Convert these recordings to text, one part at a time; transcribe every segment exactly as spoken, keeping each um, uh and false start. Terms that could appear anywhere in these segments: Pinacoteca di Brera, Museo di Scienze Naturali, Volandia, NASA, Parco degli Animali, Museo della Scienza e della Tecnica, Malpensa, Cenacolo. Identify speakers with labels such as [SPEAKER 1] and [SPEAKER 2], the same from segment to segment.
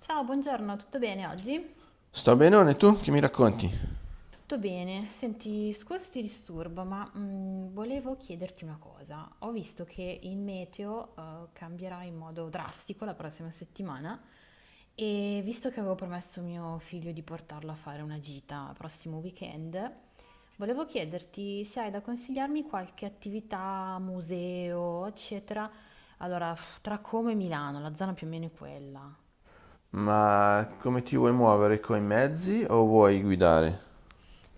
[SPEAKER 1] Ciao, buongiorno, tutto bene oggi?
[SPEAKER 2] Sto benone tu? Che mi racconti?
[SPEAKER 1] Tutto bene. Senti, scusa se ti disturbo, ma mm, volevo chiederti una cosa. Ho visto che il meteo eh, cambierà in modo drastico la prossima settimana, e visto che avevo promesso a mio figlio di portarlo a fare una gita prossimo weekend, volevo chiederti se hai da consigliarmi qualche attività, museo, eccetera. Allora, f- tra Como e Milano, la zona più o meno è quella.
[SPEAKER 2] Ma come ti vuoi muovere coi mezzi o vuoi guidare?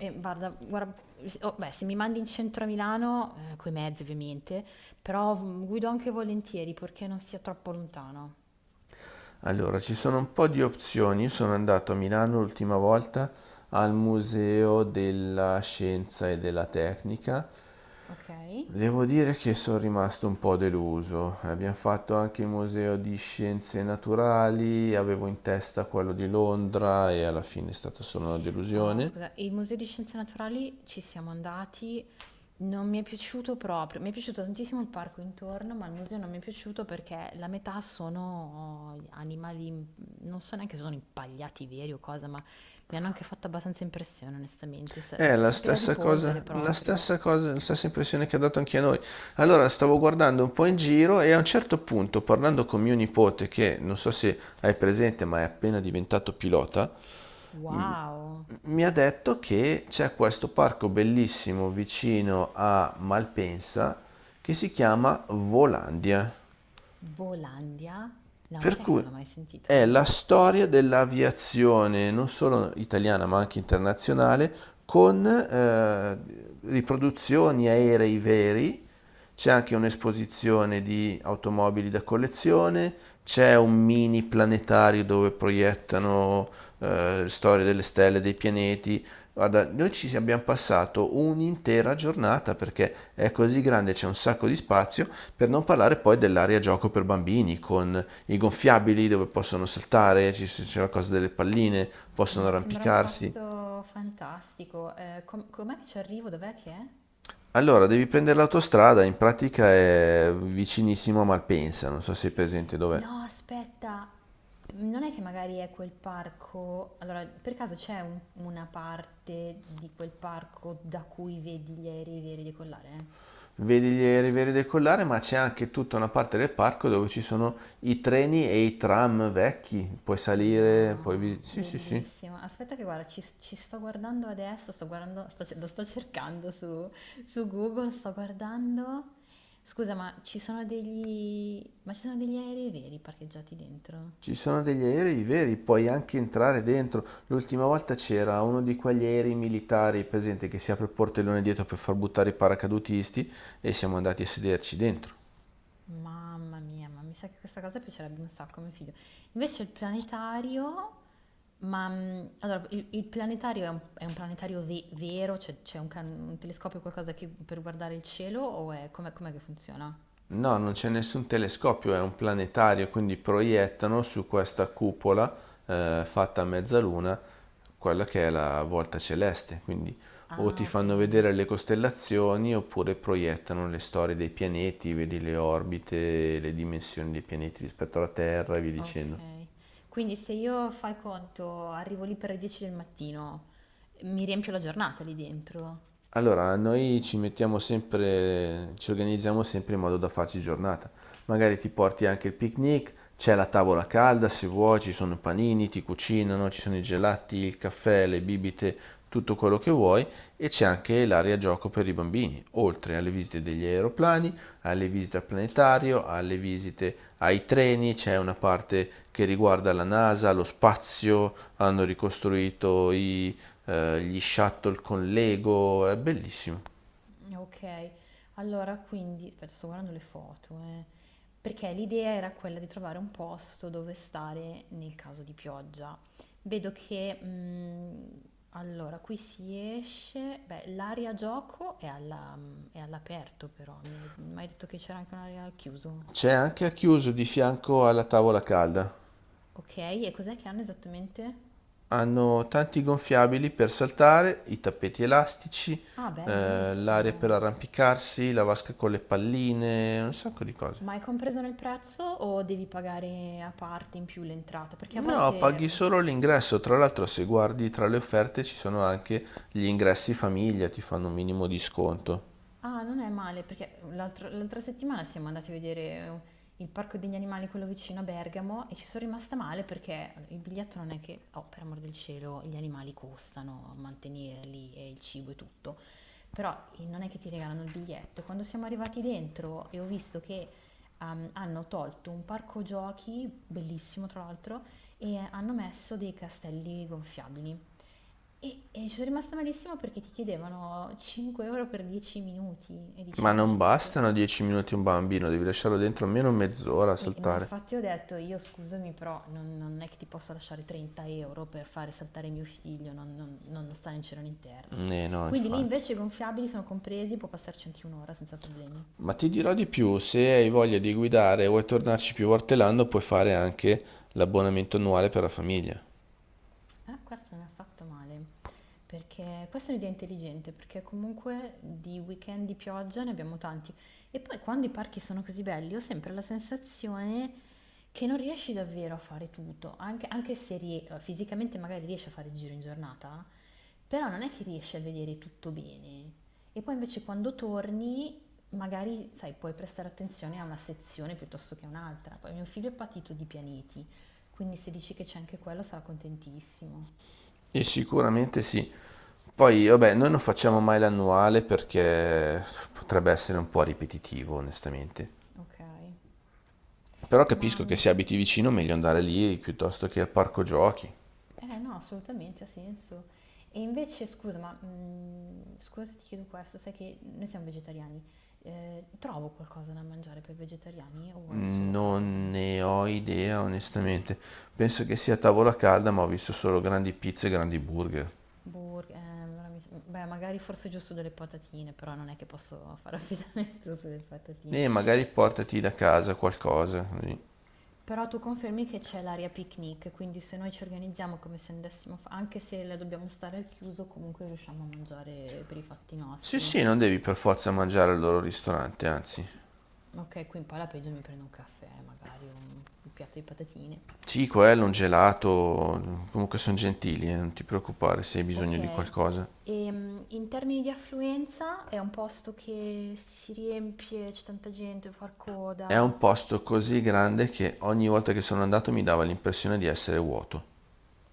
[SPEAKER 1] Eh, guarda, guarda, oh, beh, se mi mandi in centro a Milano, eh, coi mezzi ovviamente, però v- guido anche volentieri perché non sia troppo lontano,
[SPEAKER 2] Allora, ci sono un po' di opzioni. Io sono andato a Milano l'ultima volta al Museo della Scienza e della Tecnica.
[SPEAKER 1] ok?
[SPEAKER 2] Devo dire che sono rimasto un po' deluso. Abbiamo fatto anche il Museo di Scienze Naturali, avevo in testa quello di Londra e alla fine è stata solo una
[SPEAKER 1] Ah,
[SPEAKER 2] delusione.
[SPEAKER 1] scusa, il Museo di Scienze Naturali ci siamo andati, non mi è piaciuto proprio, mi è piaciuto tantissimo il parco intorno, ma il museo non mi è piaciuto perché la metà sono animali, mm, non so neanche se sono impagliati veri o cosa, ma mi hanno anche fatto abbastanza impressione, onestamente.
[SPEAKER 2] È
[SPEAKER 1] Sa-
[SPEAKER 2] la
[SPEAKER 1] Sapeva di
[SPEAKER 2] stessa
[SPEAKER 1] polvere
[SPEAKER 2] cosa, la
[SPEAKER 1] proprio.
[SPEAKER 2] stessa cosa, la stessa impressione che ha dato anche a noi. Allora stavo guardando un po' in giro e a un certo punto, parlando con mio nipote, che non so se hai presente, ma è appena diventato pilota, m-
[SPEAKER 1] Wow!
[SPEAKER 2] mi ha detto che c'è questo parco bellissimo vicino a Malpensa che si chiama Volandia.
[SPEAKER 1] Volandia? No, ma
[SPEAKER 2] Per
[SPEAKER 1] sai che non
[SPEAKER 2] cui
[SPEAKER 1] l'ho mai
[SPEAKER 2] è
[SPEAKER 1] sentito?
[SPEAKER 2] la storia dell'aviazione, non solo italiana ma anche internazionale, con eh, riproduzioni aerei veri, c'è anche un'esposizione di automobili da collezione, c'è un mini planetario dove proiettano eh, storie delle stelle, dei pianeti. Guarda, noi ci abbiamo passato un'intera giornata perché è così grande, c'è un sacco di spazio, per non parlare poi dell'area gioco per bambini con i gonfiabili dove possono saltare, ci- c'è la cosa delle palline, possono
[SPEAKER 1] Ma sembra un
[SPEAKER 2] arrampicarsi.
[SPEAKER 1] posto fantastico. Eh, com- com'è che ci arrivo? Dov'è che è?
[SPEAKER 2] Allora, devi prendere l'autostrada, in pratica è vicinissimo a Malpensa, non so se è presente dov'è.
[SPEAKER 1] No, aspetta, non è che magari è quel parco. Allora, per caso c'è un- una parte di quel parco da cui vedi gli aerei veri decollare?
[SPEAKER 2] Vedi gli aerei decollare, ma c'è anche tutta una parte del parco dove ci sono i treni e i tram vecchi. Puoi salire, puoi...
[SPEAKER 1] No,
[SPEAKER 2] vi- sì, sì, sì.
[SPEAKER 1] bellissimo. Aspetta che guarda, ci, ci sto guardando adesso, sto guardando, sto ce- lo sto cercando su, su Google, sto guardando. Scusa, ma ci sono degli, ma ci sono degli aerei veri parcheggiati dentro?
[SPEAKER 2] Ci sono degli aerei veri, puoi anche entrare dentro. L'ultima volta c'era uno di quegli aerei militari, presente, che si apre il portellone dietro per far buttare i paracadutisti e siamo andati a sederci dentro.
[SPEAKER 1] Mamma mia, ma mi sa che questa cosa piacerebbe un sacco a mio figlio. Invece il planetario, ma mm, allora, il, il planetario è un, è un planetario ve- vero? Cioè c'è un, can- un telescopio, qualcosa che- per guardare il cielo o è, com'è com'è che funziona?
[SPEAKER 2] No, non c'è nessun telescopio, è un planetario, quindi proiettano su questa cupola eh, fatta a mezzaluna quella che è la volta celeste, quindi o ti
[SPEAKER 1] Ah, ok.
[SPEAKER 2] fanno vedere le costellazioni oppure proiettano le storie dei pianeti, vedi le orbite, le dimensioni dei pianeti rispetto alla Terra e via dicendo.
[SPEAKER 1] Okay. Quindi se io, fai conto, arrivo lì per le dieci del mattino, mi riempio la giornata lì dentro.
[SPEAKER 2] Allora, noi ci mettiamo sempre, ci organizziamo sempre in modo da farci giornata. Magari ti porti anche il picnic, c'è la tavola calda se vuoi, ci sono i panini, ti cucinano, ci sono i gelati, il caffè, le bibite, tutto quello che vuoi e c'è anche l'area gioco per i bambini, oltre alle visite degli aeroplani, alle visite al planetario, alle visite ai treni, c'è una parte che riguarda la NASA, lo spazio, hanno ricostruito i eh, gli shuttle con Lego, è bellissimo.
[SPEAKER 1] Okay. Allora quindi aspetta, sto guardando le foto, eh. Perché l'idea era quella di trovare un posto dove stare nel caso di pioggia. Vedo che, mhmm, allora qui si esce, beh l'area gioco è alla mhmm, è all'aperto, però mi hai m'hai detto che c'era anche un'area al chiuso.
[SPEAKER 2] C'è anche a chiuso di fianco alla tavola calda.
[SPEAKER 1] Okay, e cos'è che hanno esattamente?
[SPEAKER 2] Hanno tanti gonfiabili per saltare, i tappeti elastici,
[SPEAKER 1] Ah,
[SPEAKER 2] eh, l'area per
[SPEAKER 1] bellissimo.
[SPEAKER 2] arrampicarsi, la vasca con le palline, un sacco di cose.
[SPEAKER 1] Ma è compreso nel prezzo o devi pagare a parte in più l'entrata? Perché a
[SPEAKER 2] No,
[SPEAKER 1] volte...
[SPEAKER 2] paghi
[SPEAKER 1] mh,
[SPEAKER 2] solo l'ingresso. Tra l'altro, se guardi tra le offerte ci sono anche gli ingressi famiglia, ti fanno un minimo di sconto.
[SPEAKER 1] Ah, non è male, perché l'altro- l'altra settimana siamo andati a vedere eh, il Parco degli Animali, quello vicino a Bergamo, e ci sono rimasta male perché il biglietto non è che, oh, per amor del cielo, gli animali costano mantenerli e il cibo e tutto. Però eh, non è che ti regalano il biglietto. Quando siamo arrivati dentro e ho visto che ehm, hanno tolto un parco giochi, bellissimo tra l'altro, e hanno messo dei castelli gonfiabili. E, e ci sono rimasta malissimo perché ti chiedevano cinque euro per dieci minuti e dici
[SPEAKER 2] Ma
[SPEAKER 1] ma io ho
[SPEAKER 2] non
[SPEAKER 1] già pagato...
[SPEAKER 2] bastano dieci minuti un bambino, devi lasciarlo dentro almeno mezz'ora a
[SPEAKER 1] E, ma
[SPEAKER 2] saltare.
[SPEAKER 1] infatti ho detto io scusami però non, non è che ti posso lasciare trenta euro per fare saltare mio figlio, non, non, non sta né in cielo né in terra.
[SPEAKER 2] Eh no,
[SPEAKER 1] Quindi lì
[SPEAKER 2] infatti.
[SPEAKER 1] invece i gonfiabili sono compresi, può passarci anche un'ora senza problemi.
[SPEAKER 2] Ma ti dirò di più, se hai voglia di guidare e vuoi tornarci più volte l'anno, puoi fare anche l'abbonamento annuale per la famiglia.
[SPEAKER 1] Ah, questo mi ha fatto male, perché questa è un'idea intelligente, perché comunque di weekend di pioggia ne abbiamo tanti. E poi quando i parchi sono così belli, ho sempre la sensazione che non riesci davvero a fare tutto, anche, anche se rie- fisicamente magari riesci a fare il giro in giornata, però non è che riesci a vedere tutto bene. E poi invece quando torni, magari, sai, puoi prestare attenzione a una sezione piuttosto che a un'altra. Poi mio figlio è patito di pianeti, quindi se dici che c'è anche quello sarà contentissimo.
[SPEAKER 2] E sicuramente sì. Poi, vabbè, noi non facciamo mai l'annuale perché potrebbe essere un po' ripetitivo, onestamente.
[SPEAKER 1] Ok,
[SPEAKER 2] Però
[SPEAKER 1] ma
[SPEAKER 2] capisco che se abiti vicino, meglio andare lì piuttosto che al parco giochi.
[SPEAKER 1] eh, no, assolutamente ha senso. E invece, scusa, ma mm, scusa se ti chiedo questo, sai che noi siamo vegetariani. Eh, trovo qualcosa da mangiare per vegetariani o è solo
[SPEAKER 2] Non
[SPEAKER 1] carne?
[SPEAKER 2] ne ho idea, onestamente. Penso che sia tavola calda, ma ho visto solo grandi pizze e grandi burger.
[SPEAKER 1] Burger, ehm, ora mi s- beh, magari forse giusto delle patatine, però non è che posso fare affidamento sulle patatine.
[SPEAKER 2] E magari portati da casa qualcosa, così.
[SPEAKER 1] Però tu confermi che c'è l'area picnic, quindi se noi ci organizziamo come se andassimo, a fa- anche se la dobbiamo stare al chiuso, comunque riusciamo a mangiare per i fatti
[SPEAKER 2] Sì,
[SPEAKER 1] nostri.
[SPEAKER 2] sì, non devi per forza mangiare al loro ristorante, anzi.
[SPEAKER 1] Ok, qui in poi alla peggio mi prendo un caffè, magari o un, un piatto di patatine.
[SPEAKER 2] Sì, quello, un gelato, comunque sono gentili, eh, non ti preoccupare se hai
[SPEAKER 1] Ok,
[SPEAKER 2] bisogno di qualcosa.
[SPEAKER 1] ehm, in termini di affluenza è un posto che si riempie, c'è tanta gente, far
[SPEAKER 2] È
[SPEAKER 1] coda.
[SPEAKER 2] un posto così grande che ogni volta che sono andato mi dava l'impressione di essere vuoto.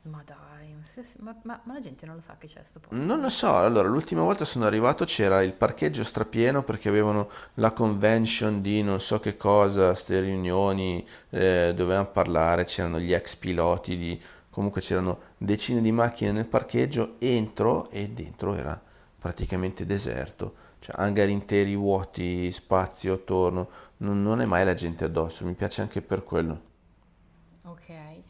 [SPEAKER 1] Ma dai, ma, se- ma- ma- ma la gente non lo sa che c'è sto
[SPEAKER 2] Non lo
[SPEAKER 1] posto?
[SPEAKER 2] so, allora l'ultima volta sono arrivato c'era il parcheggio strapieno perché avevano la convention di non so che cosa, ste riunioni, eh, dovevano parlare, c'erano gli ex piloti, di... comunque c'erano decine di macchine nel parcheggio, entro e dentro era praticamente deserto, cioè hangar interi vuoti, spazio attorno, non, non è mai la gente addosso, mi piace anche per quello.
[SPEAKER 1] Okay.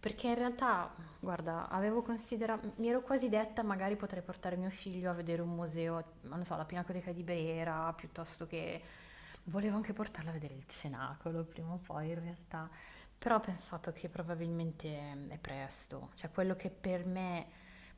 [SPEAKER 1] Perché in realtà, guarda, avevo considera mi ero quasi detta: "Magari potrei portare mio figlio a vedere un museo", ma non lo so, la Pinacoteca di Brera, piuttosto che volevo anche portarlo a vedere il Cenacolo prima o poi in realtà, però ho pensato che probabilmente mm, è presto, cioè quello che per me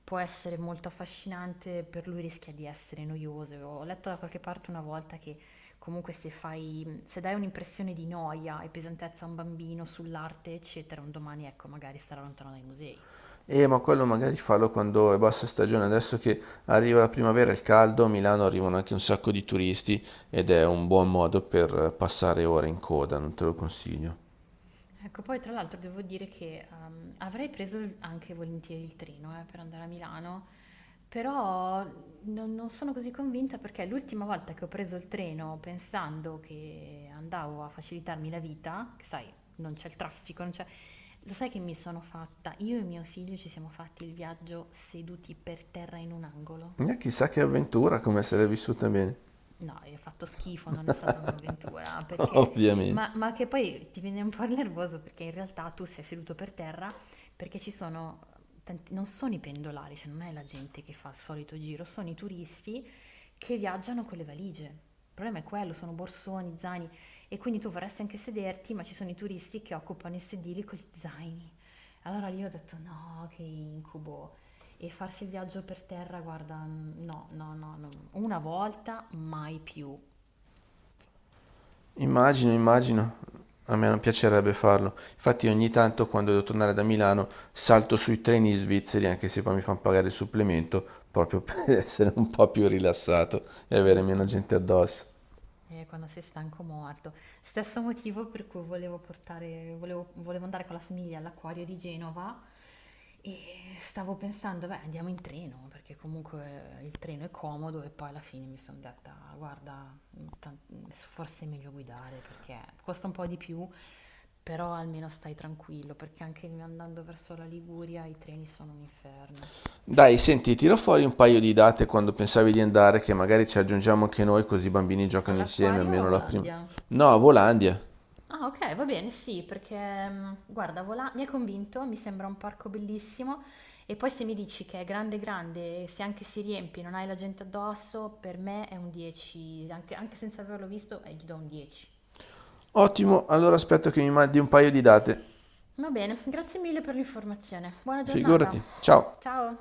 [SPEAKER 1] può essere molto affascinante, per lui rischia di essere noioso. Ho letto da qualche parte una volta che comunque se fai, se dai un'impressione di noia e pesantezza a un bambino sull'arte, eccetera, un domani ecco, magari starà lontano dai musei.
[SPEAKER 2] Eh, ma quello magari fallo quando è bassa stagione, adesso che arriva la primavera e il caldo, a Milano arrivano anche un sacco di turisti ed è un buon modo per passare ore in coda, non te lo consiglio.
[SPEAKER 1] Ecco, poi tra l'altro devo dire che ehm, avrei preso il- anche volentieri il treno eh, per andare a Milano, però non, non sono così convinta perché l'ultima volta che ho preso il treno pensando che andavo a facilitarmi la vita, che sai, non c'è il traffico, non c'è... Lo sai che mi sono fatta? Io e mio figlio ci siamo fatti il viaggio seduti per terra in un angolo.
[SPEAKER 2] E chissà che avventura, come se l'è vissuta bene.
[SPEAKER 1] No, hai fatto schifo, non è stata un'avventura, perché
[SPEAKER 2] Ovviamente.
[SPEAKER 1] ma, ma che poi ti viene un po' il nervoso perché in realtà tu sei seduto per terra perché ci sono tanti, non sono i pendolari, cioè non è la gente che fa il solito giro, sono i turisti che viaggiano con le valigie. Il problema è quello, sono borsoni, zaini, e quindi tu vorresti anche sederti, ma ci sono i turisti che occupano i sedili con gli zaini. Allora lì ho detto no, che incubo. E farsi il viaggio per terra, guarda, no, no, no, no. Una volta, mai più.
[SPEAKER 2] Immagino, immagino. A me non piacerebbe farlo. Infatti ogni tanto quando devo tornare da Milano salto sui treni svizzeri, anche se poi mi fanno pagare il supplemento, proprio per essere un po' più rilassato e avere
[SPEAKER 1] E
[SPEAKER 2] meno
[SPEAKER 1] quando?
[SPEAKER 2] gente addosso.
[SPEAKER 1] Eh, quando sei stanco morto. Stesso motivo per cui volevo portare, volevo, volevo andare con la famiglia all'acquario di Genova, e stavo pensando, beh, andiamo in treno, perché comunque il treno è comodo e poi alla fine mi sono detta, guarda, ta- forse è meglio guidare perché costa un po' di più, però almeno stai tranquillo, perché anche andando verso la Liguria i treni sono un inferno.
[SPEAKER 2] Dai, senti, tiro fuori un paio di date quando pensavi di andare, che magari ci aggiungiamo anche noi, così i bambini giocano insieme,
[SPEAKER 1] All'acquario o a
[SPEAKER 2] almeno la prima.
[SPEAKER 1] Volandia?
[SPEAKER 2] No, a Volandia.
[SPEAKER 1] Ah, ok, va bene, sì, perché mm, guarda, Volà mi ha convinto, mi sembra un parco bellissimo, e poi se mi dici che è grande grande, e se anche si riempie, non hai la gente addosso, per me è un dieci, anche, anche senza averlo visto, eh, gli do un dieci.
[SPEAKER 2] Ottimo, allora aspetto che mi mandi un paio di date.
[SPEAKER 1] Va bene, grazie mille per l'informazione. Buona giornata.
[SPEAKER 2] Figurati. Ciao.
[SPEAKER 1] Ciao.